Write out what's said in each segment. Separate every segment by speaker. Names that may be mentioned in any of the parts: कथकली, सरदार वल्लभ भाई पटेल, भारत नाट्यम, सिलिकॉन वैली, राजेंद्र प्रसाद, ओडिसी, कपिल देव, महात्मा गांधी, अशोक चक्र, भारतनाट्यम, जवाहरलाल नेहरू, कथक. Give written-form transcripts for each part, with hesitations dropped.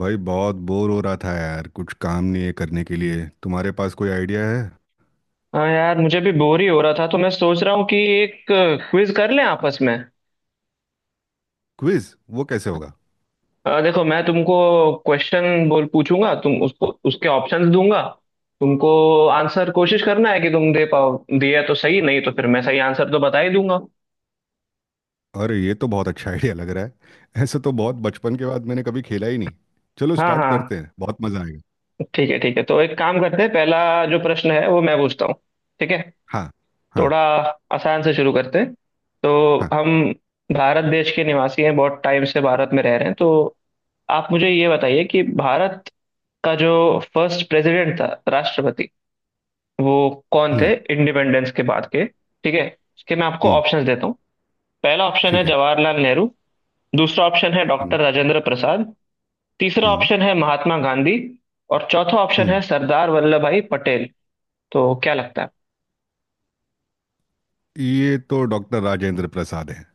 Speaker 1: भाई बहुत बोर हो रहा था यार। कुछ काम नहीं है करने के लिए। तुम्हारे पास कोई आइडिया है?
Speaker 2: हाँ यार, मुझे भी बोर ही हो रहा था तो मैं सोच रहा हूँ कि एक क्विज कर लें आपस में।
Speaker 1: क्विज? वो कैसे होगा?
Speaker 2: देखो, मैं तुमको क्वेश्चन बोल पूछूंगा, तुम उसको, उसके ऑप्शंस दूंगा तुमको। आंसर कोशिश करना है कि तुम दे पाओ, दिया तो सही, नहीं तो फिर मैं सही आंसर तो बता ही दूंगा।
Speaker 1: अरे ये तो बहुत अच्छा आइडिया लग रहा है। ऐसे तो बहुत बचपन के बाद मैंने कभी खेला ही नहीं। चलो
Speaker 2: हाँ
Speaker 1: स्टार्ट
Speaker 2: हाँ।
Speaker 1: करते हैं, बहुत मज़ा आएगा।
Speaker 2: ठीक है ठीक है, तो एक काम करते हैं, पहला जो प्रश्न है वो मैं पूछता हूँ। ठीक है।
Speaker 1: हाँ हाँ।
Speaker 2: थोड़ा आसान से शुरू करते हैं। तो
Speaker 1: हाँ।
Speaker 2: हम भारत देश के निवासी हैं, बहुत टाइम से भारत में रह रहे हैं, तो आप मुझे ये बताइए कि भारत का जो फर्स्ट प्रेसिडेंट था, राष्ट्रपति, वो कौन
Speaker 1: हम्म।
Speaker 2: थे इंडिपेंडेंस के बाद के। ठीक है, इसके मैं आपको
Speaker 1: हम्म।
Speaker 2: ऑप्शंस देता हूँ। पहला ऑप्शन है
Speaker 1: ठीक है।
Speaker 2: जवाहरलाल नेहरू। दूसरा ऑप्शन है
Speaker 1: हम्म।
Speaker 2: डॉक्टर राजेंद्र प्रसाद। तीसरा
Speaker 1: हम्म।
Speaker 2: ऑप्शन है महात्मा गांधी। और चौथा ऑप्शन
Speaker 1: हम्म।
Speaker 2: है सरदार वल्लभ भाई पटेल। तो क्या लगता है?
Speaker 1: ये तो डॉक्टर राजेंद्र प्रसाद है।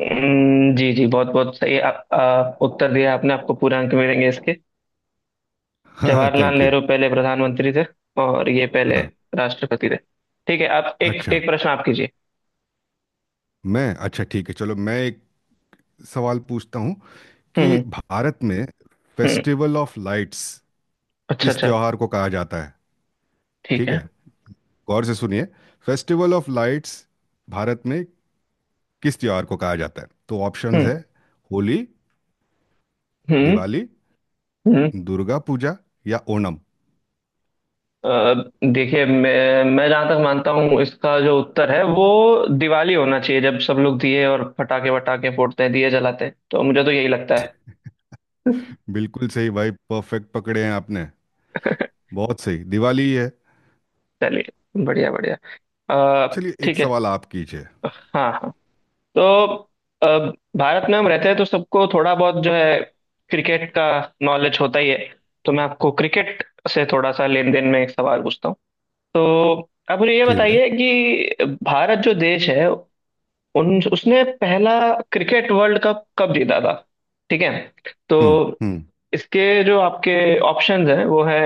Speaker 2: जी जी, बहुत बहुत सही आप, उत्तर दिया आपने, आपको पूरे अंक मिलेंगे इसके।
Speaker 1: हाँ,
Speaker 2: जवाहरलाल
Speaker 1: थैंक यू।
Speaker 2: नेहरू पहले प्रधानमंत्री थे और ये पहले
Speaker 1: हाँ।
Speaker 2: राष्ट्रपति थे। ठीक है, आप एक
Speaker 1: अच्छा।
Speaker 2: एक प्रश्न आप कीजिए।
Speaker 1: मैं अच्छा ठीक है, चलो मैं एक सवाल पूछता हूँ
Speaker 2: हम्म
Speaker 1: कि
Speaker 2: हम्म
Speaker 1: भारत में
Speaker 2: हम्म।
Speaker 1: फेस्टिवल ऑफ लाइट्स
Speaker 2: अच्छा
Speaker 1: किस
Speaker 2: अच्छा।
Speaker 1: त्योहार को कहा जाता है।
Speaker 2: ठीक
Speaker 1: ठीक
Speaker 2: है।
Speaker 1: है, गौर से सुनिए। फेस्टिवल ऑफ लाइट्स भारत में किस त्योहार को कहा जाता है? तो ऑप्शंस
Speaker 2: हम्म
Speaker 1: है होली,
Speaker 2: हम्म
Speaker 1: दिवाली,
Speaker 2: हम्म।
Speaker 1: दुर्गा पूजा या ओणम।
Speaker 2: अ, देखिए, मैं जहां तक मानता हूँ, इसका जो उत्तर है वो दिवाली होना चाहिए, जब सब लोग दिए और पटाखे वटाखे फोड़ते हैं, दिए जलाते हैं, तो मुझे तो यही लगता है।
Speaker 1: बिल्कुल सही भाई, परफेक्ट पकड़े हैं आपने। बहुत सही, दिवाली ही है।
Speaker 2: चलिए, बढ़िया बढ़िया। अ,
Speaker 1: चलिए एक
Speaker 2: ठीक है।
Speaker 1: सवाल आप कीजिए।
Speaker 2: हाँ हाँ। तो अ, भारत में हम रहते हैं तो सबको थोड़ा बहुत जो है, क्रिकेट का नॉलेज होता ही है। तो मैं आपको क्रिकेट से थोड़ा सा लेन देन में एक सवाल पूछता हूँ। तो आप मुझे ये
Speaker 1: ठीक है।
Speaker 2: बताइए कि भारत जो देश है, उन उसने पहला क्रिकेट वर्ल्ड कप कब जीता था। ठीक है,
Speaker 1: हम्म।
Speaker 2: तो
Speaker 1: हम्म।
Speaker 2: इसके जो आपके ऑप्शंस हैं वो है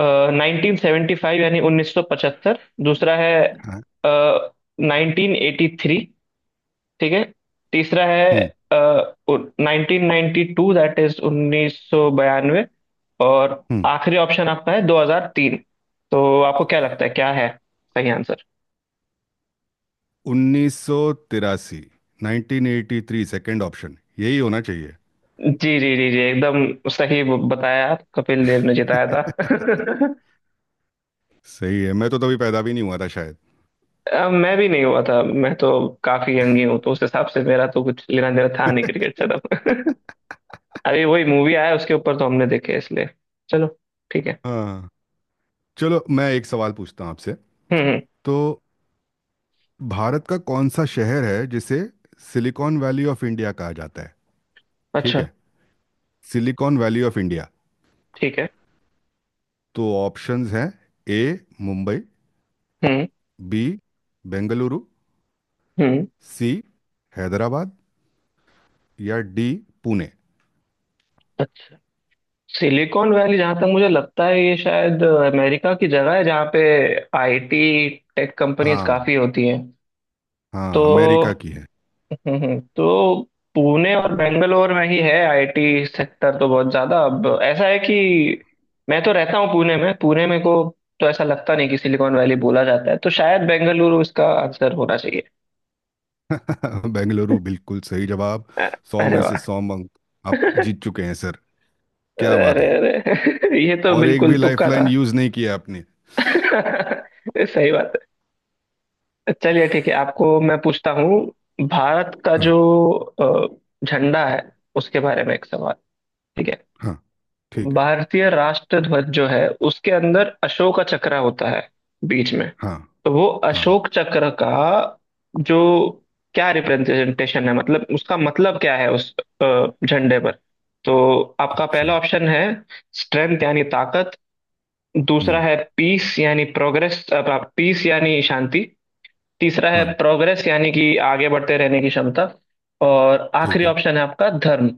Speaker 2: नाइनटीन सेवेंटी फाइव, यानी उन्नीस सौ पचहत्तर। दूसरा है
Speaker 1: हाँ।
Speaker 2: Nineteen eighty three. ठीक है। तीसरा
Speaker 1: हम्म।
Speaker 2: है nineteen ninety two, that is उन्नीस सौ बयानवे। और
Speaker 1: हम्म।
Speaker 2: आखिरी ऑप्शन आपका है 2003। तो आपको क्या लगता है, क्या है सही?
Speaker 1: 1983। 1983, सेकंड ऑप्शन, यही होना चाहिए।
Speaker 2: जी जी जी जी, एकदम सही बताया आप, कपिल देव ने जिताया था।
Speaker 1: सही है, मैं तो तभी पैदा भी नहीं हुआ था शायद।
Speaker 2: मैं भी नहीं हुआ था, मैं तो काफी यंग ही हूँ, तो उस हिसाब से मेरा तो कुछ लेना देना था नहीं क्रिकेट से तब। अभी वही मूवी आया उसके ऊपर तो हमने देखे इसलिए। चलो, ठीक है।
Speaker 1: हाँ। चलो मैं एक सवाल पूछता हूँ आपसे।
Speaker 2: हम्म हम्म,
Speaker 1: तो भारत का कौन सा शहर है जिसे सिलिकॉन वैली ऑफ इंडिया कहा जाता है? ठीक
Speaker 2: अच्छा,
Speaker 1: है, सिलिकॉन वैली ऑफ इंडिया।
Speaker 2: ठीक है।
Speaker 1: तो ऑप्शंस हैं— ए मुंबई,
Speaker 2: हम्म
Speaker 1: बी बेंगलुरु,
Speaker 2: हम्म।
Speaker 1: सी हैदराबाद, या डी पुणे।
Speaker 2: अच्छा। सिलिकॉन वैली, जहां तक मुझे लगता है, ये शायद अमेरिका की जगह है जहाँ पे आईटी टेक कंपनीज
Speaker 1: हाँ।
Speaker 2: काफी होती हैं।
Speaker 1: हाँ,
Speaker 2: तो
Speaker 1: अमेरिका की है।
Speaker 2: तो पुणे और बेंगलोर में ही है आईटी सेक्टर, तो बहुत ज्यादा। अब ऐसा है कि मैं तो रहता हूँ पुणे में को तो ऐसा लगता नहीं कि सिलिकॉन वैली बोला जाता है, तो शायद बेंगलुरु इसका आंसर होना चाहिए।
Speaker 1: बेंगलुरु, बिल्कुल सही जवाब।
Speaker 2: अ-
Speaker 1: सौ
Speaker 2: अरे
Speaker 1: में से
Speaker 2: वाह।
Speaker 1: सौ अंक। आप जीत चुके हैं सर, क्या बात
Speaker 2: अरे
Speaker 1: है।
Speaker 2: अरे, ये तो
Speaker 1: और एक भी
Speaker 2: बिल्कुल तुक्का था।
Speaker 1: लाइफलाइन यूज नहीं किया आपने।
Speaker 2: सही बात है। चलिए ठीक है, आपको मैं पूछता हूँ। भारत का
Speaker 1: हाँ।
Speaker 2: जो झंडा है, उसके बारे में एक सवाल। ठीक है।
Speaker 1: हाँ, ठीक है।
Speaker 2: भारतीय राष्ट्र ध्वज जो है, उसके अंदर अशोक चक्र होता है बीच में।
Speaker 1: हाँ।
Speaker 2: तो वो
Speaker 1: हाँ।
Speaker 2: अशोक चक्र का जो क्या रिप्रेजेंटेशन है, मतलब उसका मतलब क्या है उस झंडे पर। तो आपका
Speaker 1: अच्छा।
Speaker 2: पहला ऑप्शन है स्ट्रेंथ, यानी ताकत। दूसरा
Speaker 1: हम्म।
Speaker 2: है पीस, यानी प्रोग्रेस, पीस यानी शांति। तीसरा है
Speaker 1: हाँ।
Speaker 2: प्रोग्रेस, यानी कि आगे बढ़ते रहने की क्षमता। और आखिरी
Speaker 1: ठीक है।
Speaker 2: ऑप्शन है आपका धर्म।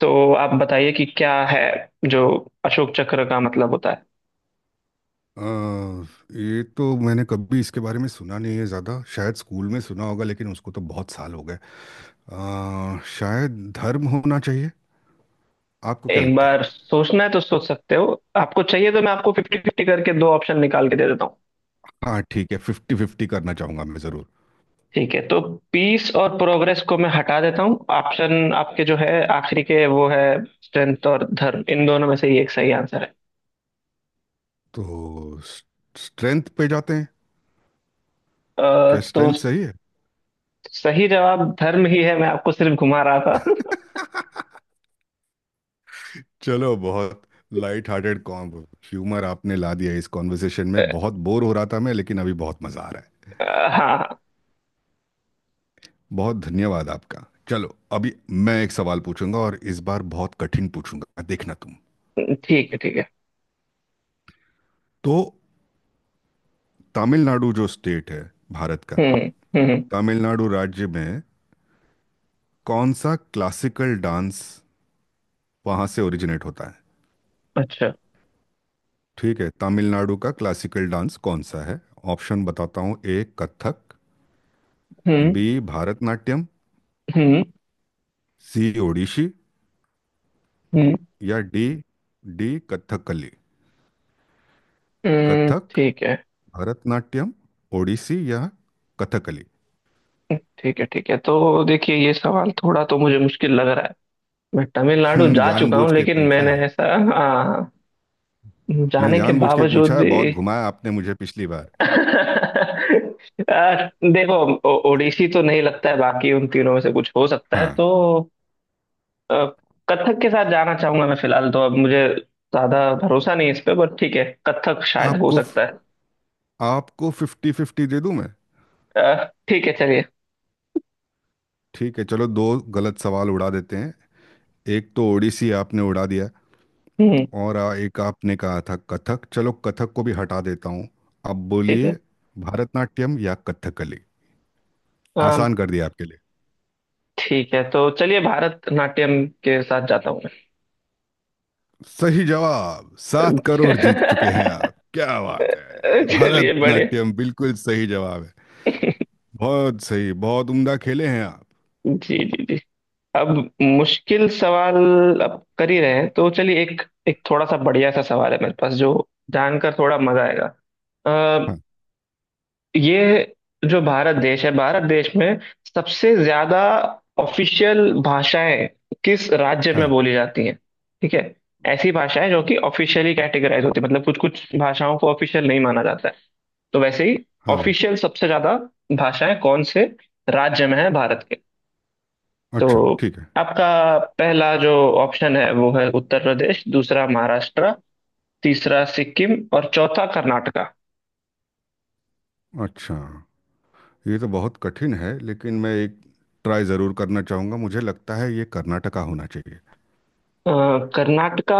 Speaker 2: तो आप बताइए कि क्या है जो अशोक चक्र का मतलब होता है।
Speaker 1: अ, ये तो मैंने कभी इसके बारे में सुना नहीं है ज़्यादा। शायद स्कूल में सुना होगा लेकिन उसको तो बहुत साल हो गए। शायद धर्म होना चाहिए। आपको क्या
Speaker 2: एक
Speaker 1: लगता
Speaker 2: बार
Speaker 1: है?
Speaker 2: सोचना है तो सोच सकते हो, आपको चाहिए तो मैं आपको फिफ्टी फिफ्टी करके दो ऑप्शन निकाल के दे देता हूँ।
Speaker 1: हाँ ठीक है, फिफ्टी फिफ्टी करना चाहूँगा मैं ज़रूर।
Speaker 2: ठीक है, तो पीस और प्रोग्रेस को मैं हटा देता हूँ, ऑप्शन आपके जो है आखिरी के, वो है स्ट्रेंथ और धर्म। इन दोनों में से ही एक सही आंसर है।
Speaker 1: तो स्ट्रेंथ पे जाते हैं। क्या
Speaker 2: तो
Speaker 1: स्ट्रेंथ सही है?
Speaker 2: सही जवाब धर्म ही है, मैं आपको सिर्फ घुमा रहा था।
Speaker 1: चलो, बहुत लाइट हार्टेड कॉम ह्यूमर आपने ला दिया इस कॉन्वर्सेशन में।
Speaker 2: अ,
Speaker 1: बहुत बोर हो रहा था मैं, लेकिन अभी बहुत मज़ा आ रहा है।
Speaker 2: हाँ।
Speaker 1: बहुत धन्यवाद आपका। चलो अभी मैं एक सवाल पूछूंगा, और इस बार बहुत कठिन पूछूंगा, देखना तुम।
Speaker 2: ठीक है ठीक है।
Speaker 1: तो तमिलनाडु जो स्टेट है भारत का,
Speaker 2: हम्म हम्म।
Speaker 1: तमिलनाडु राज्य में कौन सा क्लासिकल डांस वहाँ से ओरिजिनेट होता है?
Speaker 2: अच्छा।
Speaker 1: ठीक है, तमिलनाडु का क्लासिकल डांस कौन सा है? ऑप्शन बताता हूँ— ए कथक,
Speaker 2: हम्म
Speaker 1: बी भारतनाट्यम,
Speaker 2: हम्म
Speaker 1: सी ओडिशी,
Speaker 2: हम्म
Speaker 1: या डी डी कथकली।
Speaker 2: हम्म।
Speaker 1: कथक,
Speaker 2: ठीक है
Speaker 1: भरतनाट्यम, ओडिसी या कथकली।
Speaker 2: ठीक है ठीक है, तो देखिए, ये सवाल थोड़ा तो मुझे मुश्किल लग रहा है। मैं तमिलनाडु जा चुका
Speaker 1: जानबूझ
Speaker 2: हूँ
Speaker 1: के
Speaker 2: लेकिन
Speaker 1: पूछा
Speaker 2: मैंने
Speaker 1: है।
Speaker 2: ऐसा, हाँ,
Speaker 1: मैंने
Speaker 2: जाने के
Speaker 1: जानबूझ के
Speaker 2: बावजूद
Speaker 1: पूछा है, बहुत
Speaker 2: भी।
Speaker 1: घुमाया आपने मुझे पिछली बार।
Speaker 2: आ, देखो, ओडिसी तो नहीं लगता है, बाकी उन तीनों में से कुछ हो सकता है।
Speaker 1: हाँ।
Speaker 2: तो आ, कथक के साथ जाना चाहूंगा मैं फिलहाल, तो अब मुझे ज्यादा भरोसा नहीं इस पे, बट ठीक है, कथक शायद हो
Speaker 1: आपको
Speaker 2: सकता है।
Speaker 1: आपको फिफ्टी फिफ्टी दे दूं मैं?
Speaker 2: ठीक है, चलिए।
Speaker 1: ठीक है, चलो दो गलत सवाल उड़ा देते हैं। एक तो ओडिसी आपने उड़ा दिया,
Speaker 2: हम्म।
Speaker 1: और एक आपने कहा था कथक, चलो कथक को भी हटा देता हूँ। अब
Speaker 2: ठीक
Speaker 1: बोलिए,
Speaker 2: है।
Speaker 1: भारतनाट्यम या कथकली।
Speaker 2: आ,
Speaker 1: आसान कर दिया आपके लिए।
Speaker 2: ठीक है, तो चलिए, भारत नाट्यम के साथ जाता हूँ
Speaker 1: सही जवाब, 7 करोड़ जीत चुके हैं
Speaker 2: मैं।
Speaker 1: आप, क्या बात है।
Speaker 2: चलिए, बड़े।
Speaker 1: भारतनाट्यम बिल्कुल सही जवाब है। बहुत सही, बहुत उम्दा खेले हैं आप।
Speaker 2: जी जी जी। अब मुश्किल सवाल अब कर ही रहे हैं, तो चलिए एक, एक थोड़ा सा बढ़िया सा सवाल है मेरे पास, जो जानकर थोड़ा मजा आएगा। अ,
Speaker 1: हाँ
Speaker 2: ये जो भारत देश है, भारत देश में सबसे ज्यादा ऑफिशियल भाषाएं किस राज्य में
Speaker 1: हाँ
Speaker 2: बोली जाती हैं? ठीक है। ऐसी भाषाएं जो कि ऑफिशियली कैटेगराइज होती है, मतलब कुछ कुछ भाषाओं को ऑफिशियल नहीं माना जाता है, तो वैसे ही
Speaker 1: हाँ।
Speaker 2: ऑफिशियल सबसे ज्यादा भाषाएं कौन से राज्य में है भारत के। तो
Speaker 1: अच्छा। ठीक है।
Speaker 2: आपका पहला जो ऑप्शन है वो है उत्तर प्रदेश। दूसरा महाराष्ट्र। तीसरा सिक्किम। और चौथा कर्नाटका।
Speaker 1: अच्छा, ये तो बहुत कठिन है, लेकिन मैं एक ट्राई ज़रूर करना चाहूँगा। मुझे लगता है ये कर्नाटका होना चाहिए।
Speaker 2: अ, कर्नाटका,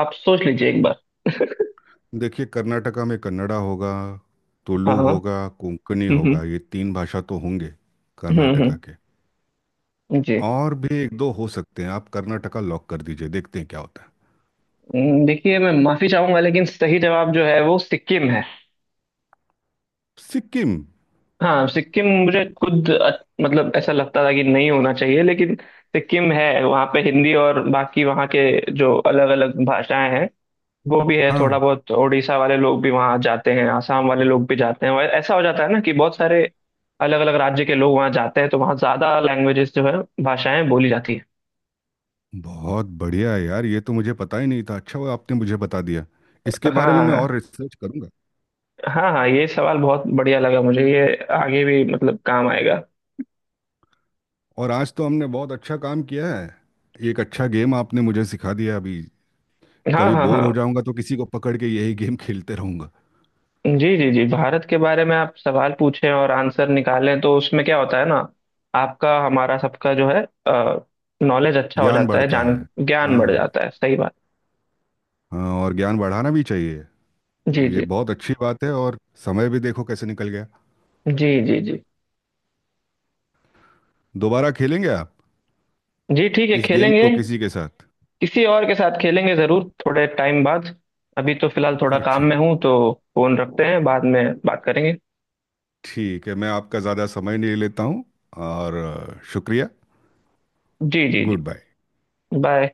Speaker 2: आप सोच लीजिए एक बार।
Speaker 1: देखिए, कर्नाटका में कन्नड़ा होगा,
Speaker 2: हाँ
Speaker 1: तुलु
Speaker 2: हाँ।
Speaker 1: होगा, कोंकणी
Speaker 2: हम्म
Speaker 1: होगा, ये तीन भाषा तो होंगे
Speaker 2: हम्म हम्म
Speaker 1: कर्नाटका
Speaker 2: हम्म,
Speaker 1: के।
Speaker 2: जी।
Speaker 1: और भी एक दो हो सकते हैं। आप कर्नाटका लॉक कर दीजिए, देखते हैं क्या होता है।
Speaker 2: देखिए, मैं माफी चाहूंगा लेकिन सही जवाब जो है वो सिक्किम है।
Speaker 1: सिक्किम?
Speaker 2: हाँ, सिक्किम, मुझे खुद मतलब ऐसा लगता था कि नहीं होना चाहिए, लेकिन सिक्किम है। वहाँ पे हिंदी और बाकी वहाँ के जो अलग अलग भाषाएं हैं वो भी है। थोड़ा
Speaker 1: हाँ।
Speaker 2: बहुत उड़ीसा वाले लोग भी वहाँ जाते हैं, आसाम वाले लोग भी जाते हैं। ऐसा हो जाता है ना कि बहुत सारे अलग अलग राज्य के लोग वहाँ जाते हैं, तो वहाँ ज्यादा लैंग्वेजेस जो है, भाषाएं बोली जाती है।
Speaker 1: बहुत बढ़िया है यार, ये तो मुझे पता ही नहीं था। अच्छा हुआ आपने मुझे बता दिया। इसके बारे में मैं
Speaker 2: हाँ
Speaker 1: और रिसर्च करूँगा।
Speaker 2: हाँ हाँ, ये सवाल बहुत बढ़िया लगा मुझे, ये आगे भी मतलब काम आएगा।
Speaker 1: और आज तो हमने बहुत अच्छा काम किया है। एक अच्छा गेम आपने मुझे सिखा दिया अभी।
Speaker 2: हाँ
Speaker 1: कभी
Speaker 2: हाँ हाँ।
Speaker 1: बोर हो जाऊंगा तो किसी को पकड़ के यही गेम खेलते रहूंगा।
Speaker 2: जी जी जी, भारत के बारे में आप सवाल पूछें और आंसर निकालें तो उसमें क्या होता है ना, आपका हमारा सबका जो है नॉलेज अच्छा हो
Speaker 1: ज्ञान
Speaker 2: जाता है,
Speaker 1: बढ़ता
Speaker 2: जान
Speaker 1: है।
Speaker 2: ज्ञान बढ़
Speaker 1: हाँ।
Speaker 2: जाता है। सही बात।
Speaker 1: हाँ, और ज्ञान बढ़ाना भी चाहिए।
Speaker 2: जी
Speaker 1: ये
Speaker 2: जी
Speaker 1: बहुत अच्छी बात है। और समय भी देखो कैसे निकल गया।
Speaker 2: जी जी। जी
Speaker 1: दोबारा खेलेंगे आप
Speaker 2: जी, ठीक है,
Speaker 1: इस गेम
Speaker 2: खेलेंगे।
Speaker 1: को किसी के साथ?
Speaker 2: किसी और के साथ खेलेंगे जरूर थोड़े टाइम बाद। अभी तो फिलहाल थोड़ा काम
Speaker 1: अच्छा,
Speaker 2: में हूँ, तो फोन रखते हैं, बाद में बात करेंगे।
Speaker 1: ठीक है। मैं आपका ज़्यादा समय नहीं लेता हूँ। और शुक्रिया।
Speaker 2: जी जी जी।
Speaker 1: Good bye.
Speaker 2: बाय।